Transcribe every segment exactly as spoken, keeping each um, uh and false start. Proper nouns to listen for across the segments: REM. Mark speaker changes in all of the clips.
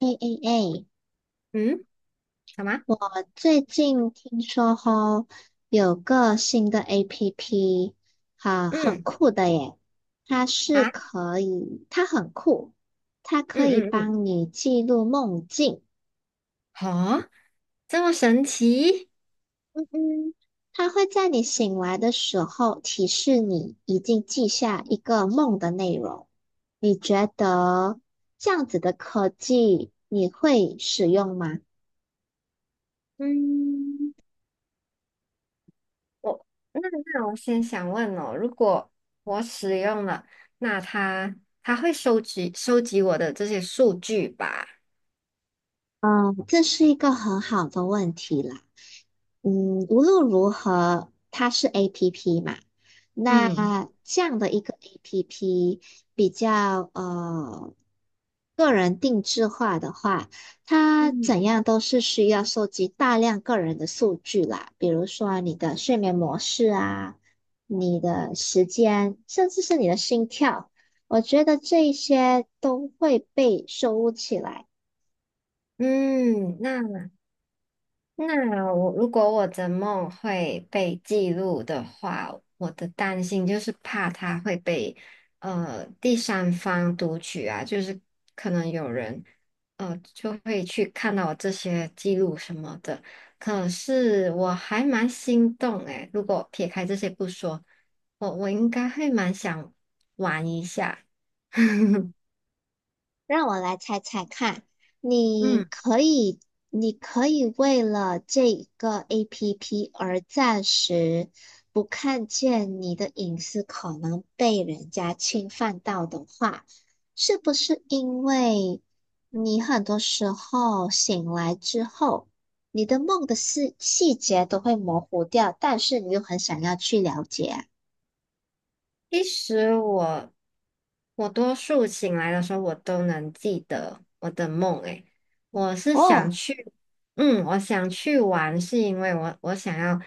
Speaker 1: 哎哎，
Speaker 2: 嗯，什么？
Speaker 1: 我最近听说吼，有个新的 A P P，哈，很
Speaker 2: 嗯，
Speaker 1: 酷的耶！它是
Speaker 2: 啊，
Speaker 1: 可以，它很酷，它可以
Speaker 2: 嗯嗯嗯，
Speaker 1: 帮你记录梦境。
Speaker 2: 好，这么神奇？
Speaker 1: 嗯嗯，它会在你醒来的时候提示你已经记下一个梦的内容。你觉得这样子的科技你会使用吗？
Speaker 2: 嗯，我那那我先想问哦，如果我使用了，那它它会收集收集我的这些数据吧？
Speaker 1: 嗯，这是一个很好的问题啦。嗯，无论如何，它是 A P P 嘛，那
Speaker 2: 嗯，
Speaker 1: 这样的一个 A P P 比较呃个人定制化的话，它
Speaker 2: 嗯
Speaker 1: 怎样都是需要收集大量个人的数据啦，比如说你的睡眠模式啊，你的时间，甚至是你的心跳，我觉得这一些都会被收录起来。
Speaker 2: 嗯，那那我如果我的梦会被记录的话，我的担心就是怕它会被呃第三方读取啊，就是可能有人呃就会去看到我这些记录什么的。可是我还蛮心动诶，如果撇开这些不说，我我应该会蛮想玩一下。
Speaker 1: 让我来猜猜看，你
Speaker 2: 嗯。
Speaker 1: 可以，你可以为了这一个 A P P 而暂时不看见你的隐私可能被人家侵犯到的话，是不是因为你很多时候醒来之后，你的梦的细细节都会模糊掉，但是你又很想要去了解啊？
Speaker 2: 其实我我多数醒来的时候，我都能记得我的梦。诶，我是
Speaker 1: 哦，
Speaker 2: 想去，嗯，我想去玩，是因为我我想要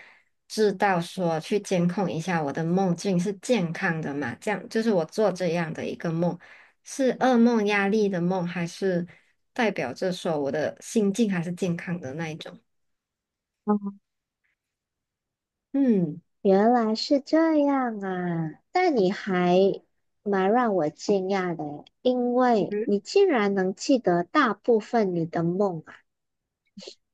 Speaker 2: 知道说去监控一下我的梦境是健康的嘛？这样就是我做这样的一个梦，是噩梦、压力的梦，还是代表着说我的心境还是健康的那一种？嗯。
Speaker 1: 原来是这样啊，但你还蛮让我惊讶的诶，因为你竟然能记得大部分你的梦啊。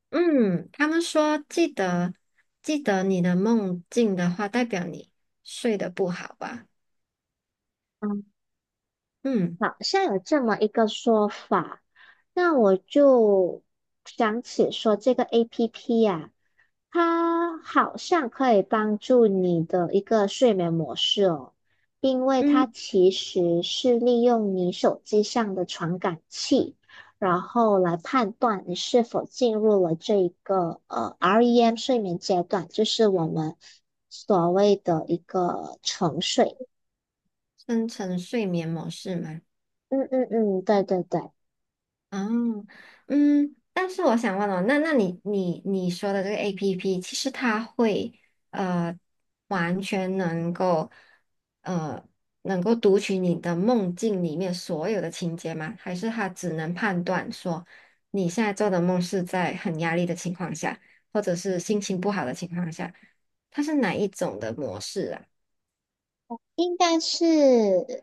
Speaker 2: 嗯，他们说记得记得你的梦境的话，代表你睡得不好吧？
Speaker 1: 嗯，
Speaker 2: 嗯
Speaker 1: 好像有这么一个说法，那我就想起说这个 A P P 呀、它好像可以帮助你的一个睡眠模式哦，因为它
Speaker 2: 嗯，
Speaker 1: 其实是利用你手机上的传感器，然后来判断你是否进入了这一个呃 R E M 睡眠阶段，就是我们所谓的一个沉睡。
Speaker 2: 生成睡眠模式吗？
Speaker 1: 嗯嗯嗯，对对对。
Speaker 2: 嗯嗯，但是我想问哦，那那你你你说的这个 A P P，其实它会呃完全能够呃能够读取你的梦境里面所有的情节吗？还是它只能判断说你现在做的梦是在很压力的情况下，或者是心情不好的情况下，它是哪一种的模式啊？
Speaker 1: 应该是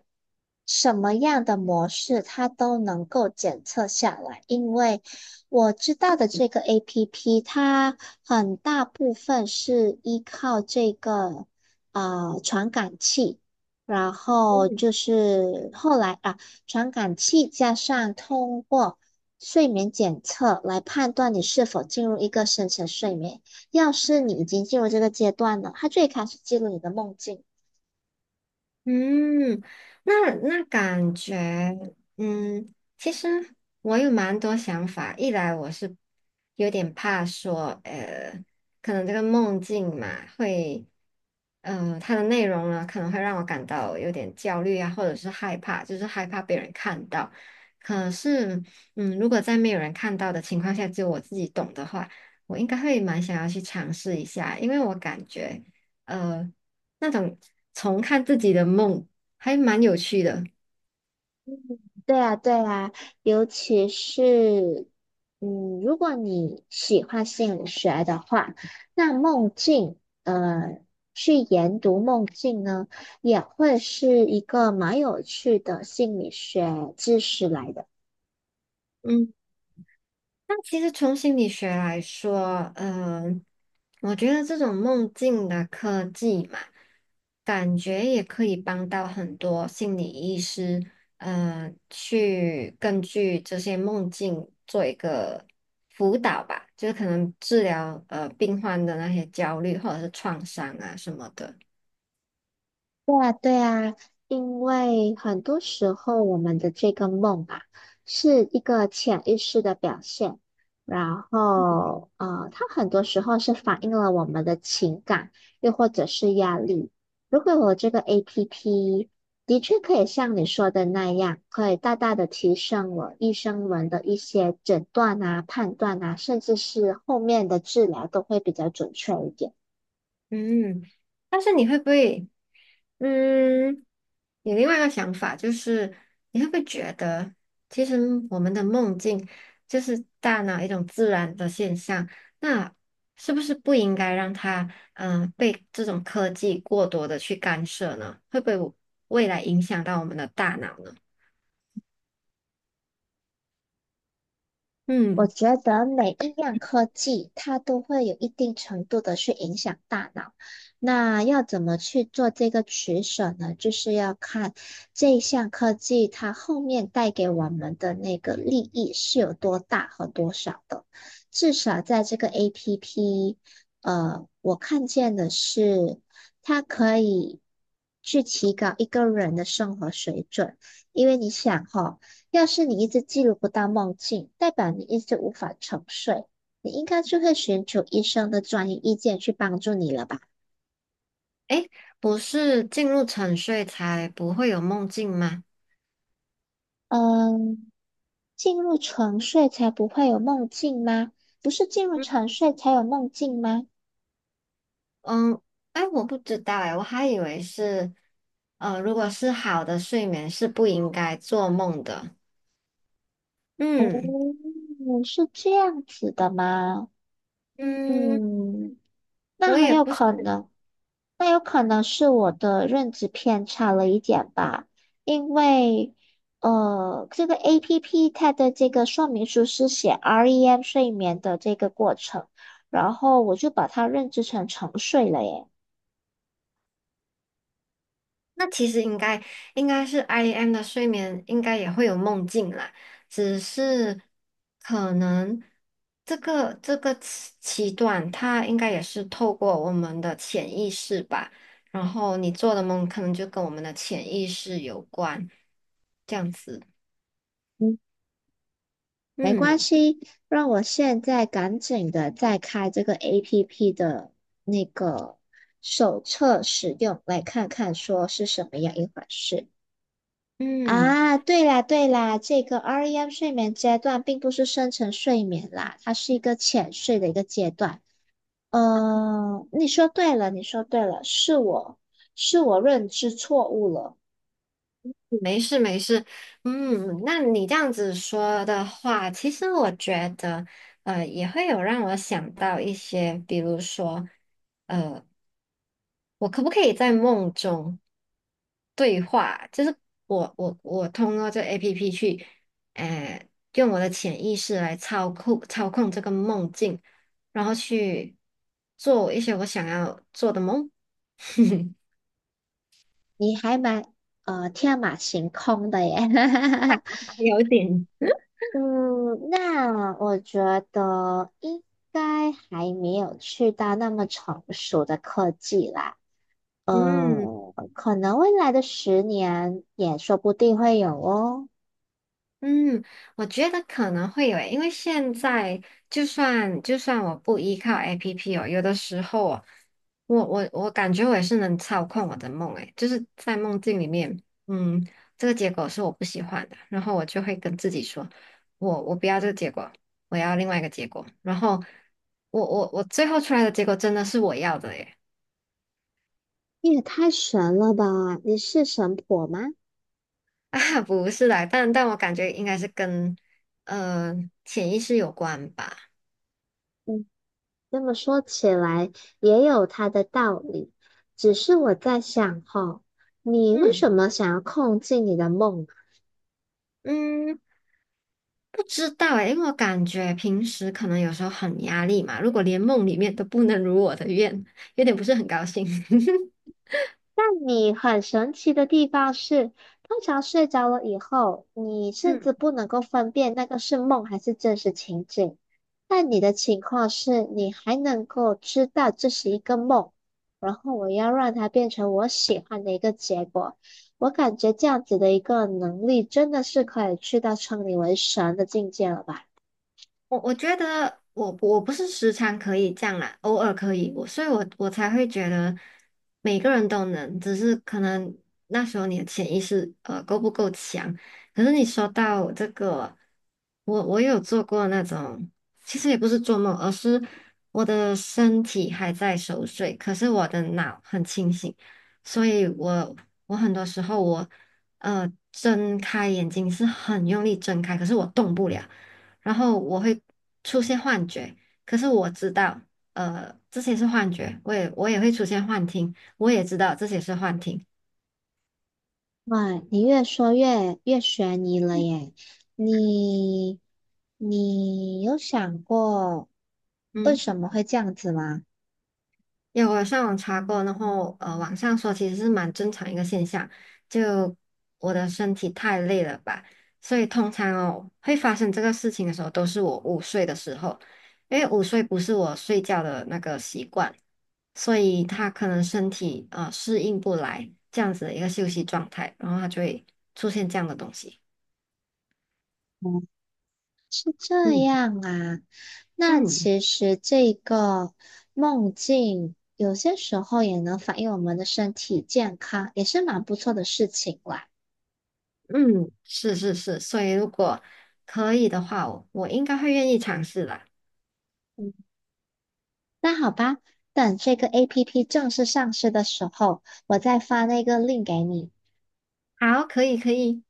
Speaker 1: 什么样的模式，它都能够检测下来。因为我知道的这个 A P P，它很大部分是依靠这个啊呃传感器，然后就是后来啊，传感器加上通过睡眠检测来判断你是否进入一个深层睡眠。要是你已经进入这个阶段了，它最开始记录你的梦境。
Speaker 2: 嗯，那那感觉，嗯，其实我有蛮多想法。一来我是有点怕说，呃，可能这个梦境嘛，会，呃，它的内容呢，可能会让我感到有点焦虑啊，或者是害怕，就是害怕被人看到。可是，嗯，如果在没有人看到的情况下，只有我自己懂的话，我应该会蛮想要去尝试一下，因为我感觉。呃。那种重看自己的梦，还蛮有趣的。
Speaker 1: 对啊，对啊，尤其是，嗯，如果你喜欢心理学的话，那梦境，呃，去研读梦境呢，也会是一个蛮有趣的心理学知识来的。
Speaker 2: 嗯，那其实从心理学来说，嗯、我觉得这种梦境的科技嘛，感觉也可以帮到很多心理医师，呃，去根据这些梦境做一个辅导吧，就是可能治疗呃病患的那些焦虑或者是创伤啊什么的。
Speaker 1: 对啊，对啊，因为很多时候我们的这个梦啊，是一个潜意识的表现，然后呃，它很多时候是反映了我们的情感，又或者是压力。如果有这个 A P P，的确可以像你说的那样，可以大大的提升我医生们的一些诊断啊、判断啊，甚至是后面的治疗都会比较准确一点。
Speaker 2: 嗯，但是你会不会？嗯，有另外一个想法就是，你会不会觉得，其实我们的梦境就是大脑一种自然的现象，那是不是不应该让它，嗯、被这种科技过多的去干涉呢？会不会未来影响到我们的大脑呢？
Speaker 1: 我
Speaker 2: 嗯，
Speaker 1: 觉得每一样科技，它都会有一定程度的去影响大脑。那要怎么去做这个取舍呢？就是要看这一项科技它后面带给我们的那个利益是有多大和多少的。至少在这个 A P P，呃，我看见的是它可以去提高一个人的生活水准，因为你想哈。要是你一直记录不到梦境，代表你一直无法沉睡，你应该就会寻求医生的专业意见去帮助你了吧？
Speaker 2: 诶，不是进入沉睡才不会有梦境吗？嗯。
Speaker 1: 嗯，进入沉睡才不会有梦境吗？不是进入沉睡才有梦境吗？
Speaker 2: 嗯，哎，我不知道哎，我还以为是，呃，如果是好的睡眠是不应该做梦的。嗯
Speaker 1: 嗯，是这样子的吗？
Speaker 2: 嗯，
Speaker 1: 嗯，那
Speaker 2: 我
Speaker 1: 很
Speaker 2: 也
Speaker 1: 有
Speaker 2: 不是。
Speaker 1: 可能那有可能是我的认知偏差了一点吧，因为呃，这个 A P P 它的这个说明书是写 R E M 睡眠的这个过程，然后我就把它认知成沉睡了耶。
Speaker 2: 那其实应该应该是 I M 的睡眠应该也会有梦境啦，只是可能这个这个期期段它应该也是透过我们的潜意识吧，然后你做的梦可能就跟我们的潜意识有关，这样子。
Speaker 1: 嗯，没关
Speaker 2: 嗯。
Speaker 1: 系，让我现在赶紧的再开这个 A P P 的那个手册使用，来看看说是什么样一回事。
Speaker 2: 嗯，
Speaker 1: 啊，对啦对啦，这个 R E M 睡眠阶段并不是深层睡眠啦，它是一个浅睡的一个阶段。嗯，你说对了，你说对了，是我是我认知错误了，
Speaker 2: 没事没事，嗯，那你这样子说的话，其实我觉得，呃，也会有让我想到一些，比如说，呃，我可不可以在梦中对话？就是我我我通过这 A P P 去，呃，用我的潜意识来操控操控这个梦境，然后去做一些我想要做的梦。
Speaker 1: 你还蛮呃天马行空的耶。
Speaker 2: 还有点。
Speaker 1: 嗯，那我觉得应该还没有去到那么成熟的科技啦。
Speaker 2: 嗯。
Speaker 1: 嗯，可能未来的十年也说不定会有哦。
Speaker 2: 嗯，我觉得可能会有诶，因为现在就算就算我不依靠 A P P 哦，有的时候哦，我我我感觉我也是能操控我的梦诶，就是在梦境里面，嗯，这个结果是我不喜欢的，然后我就会跟自己说，我我不要这个结果，我要另外一个结果，然后我我我最后出来的结果真的是我要的耶。
Speaker 1: 你也太神了吧！你是神婆吗？
Speaker 2: 啊，不是啦，但但我感觉应该是跟呃潜意识有关吧，
Speaker 1: 嗯，这么说起来也有它的道理。只是我在想哈，你为
Speaker 2: 嗯。
Speaker 1: 什么想要控制你的梦？
Speaker 2: 嗯，不知道诶，因为我感觉平时可能有时候很压力嘛，如果连梦里面都不能如我的愿，有点不是很高兴。
Speaker 1: 但你很神奇的地方是，通常睡着了以后，你甚
Speaker 2: 嗯。
Speaker 1: 至不能够分辨那个是梦还是真实情景。但你的情况是，你还能够知道这是一个梦，然后我要让它变成我喜欢的一个结果。我感觉这样子的一个能力，真的是可以去到称你为神的境界了吧？
Speaker 2: 我我觉得我我不是时常可以这样啦，偶尔可以，我所以我我才会觉得每个人都能，只是可能那时候你的潜意识呃够不够强。可是你说到这个，我我有做过那种，其实也不是做梦，而是我的身体还在熟睡，可是我的脑很清醒，所以我我很多时候我呃睁开眼睛是很用力睁开，可是我动不了。然后我会出现幻觉，可是我知道，呃，这些是幻觉，我也我也会出现幻听，我也知道这些是幻听。
Speaker 1: 哇，你越说越越悬疑了耶！你你有想过为
Speaker 2: 嗯。
Speaker 1: 什么会这样子吗？
Speaker 2: 有，我上网查过，然后呃，网上说其实是蛮正常一个现象，就我的身体太累了吧，所以通常哦会发生这个事情的时候，都是我午睡的时候，因为午睡不是我睡觉的那个习惯，所以他可能身体呃适应不来这样子的一个休息状态，然后他就会出现这样的东西。
Speaker 1: 嗯，是这
Speaker 2: 嗯
Speaker 1: 样啊。那
Speaker 2: 嗯
Speaker 1: 其实这个梦境有些时候也能反映我们的身体健康，也是蛮不错的事情啦。
Speaker 2: 嗯，是是是，所以如果可以的话，我我应该会愿意尝试的。
Speaker 1: 嗯，那好吧，等这个 A P P 正式上市的时候，我再发那个 link 给你。
Speaker 2: 好，可以可以。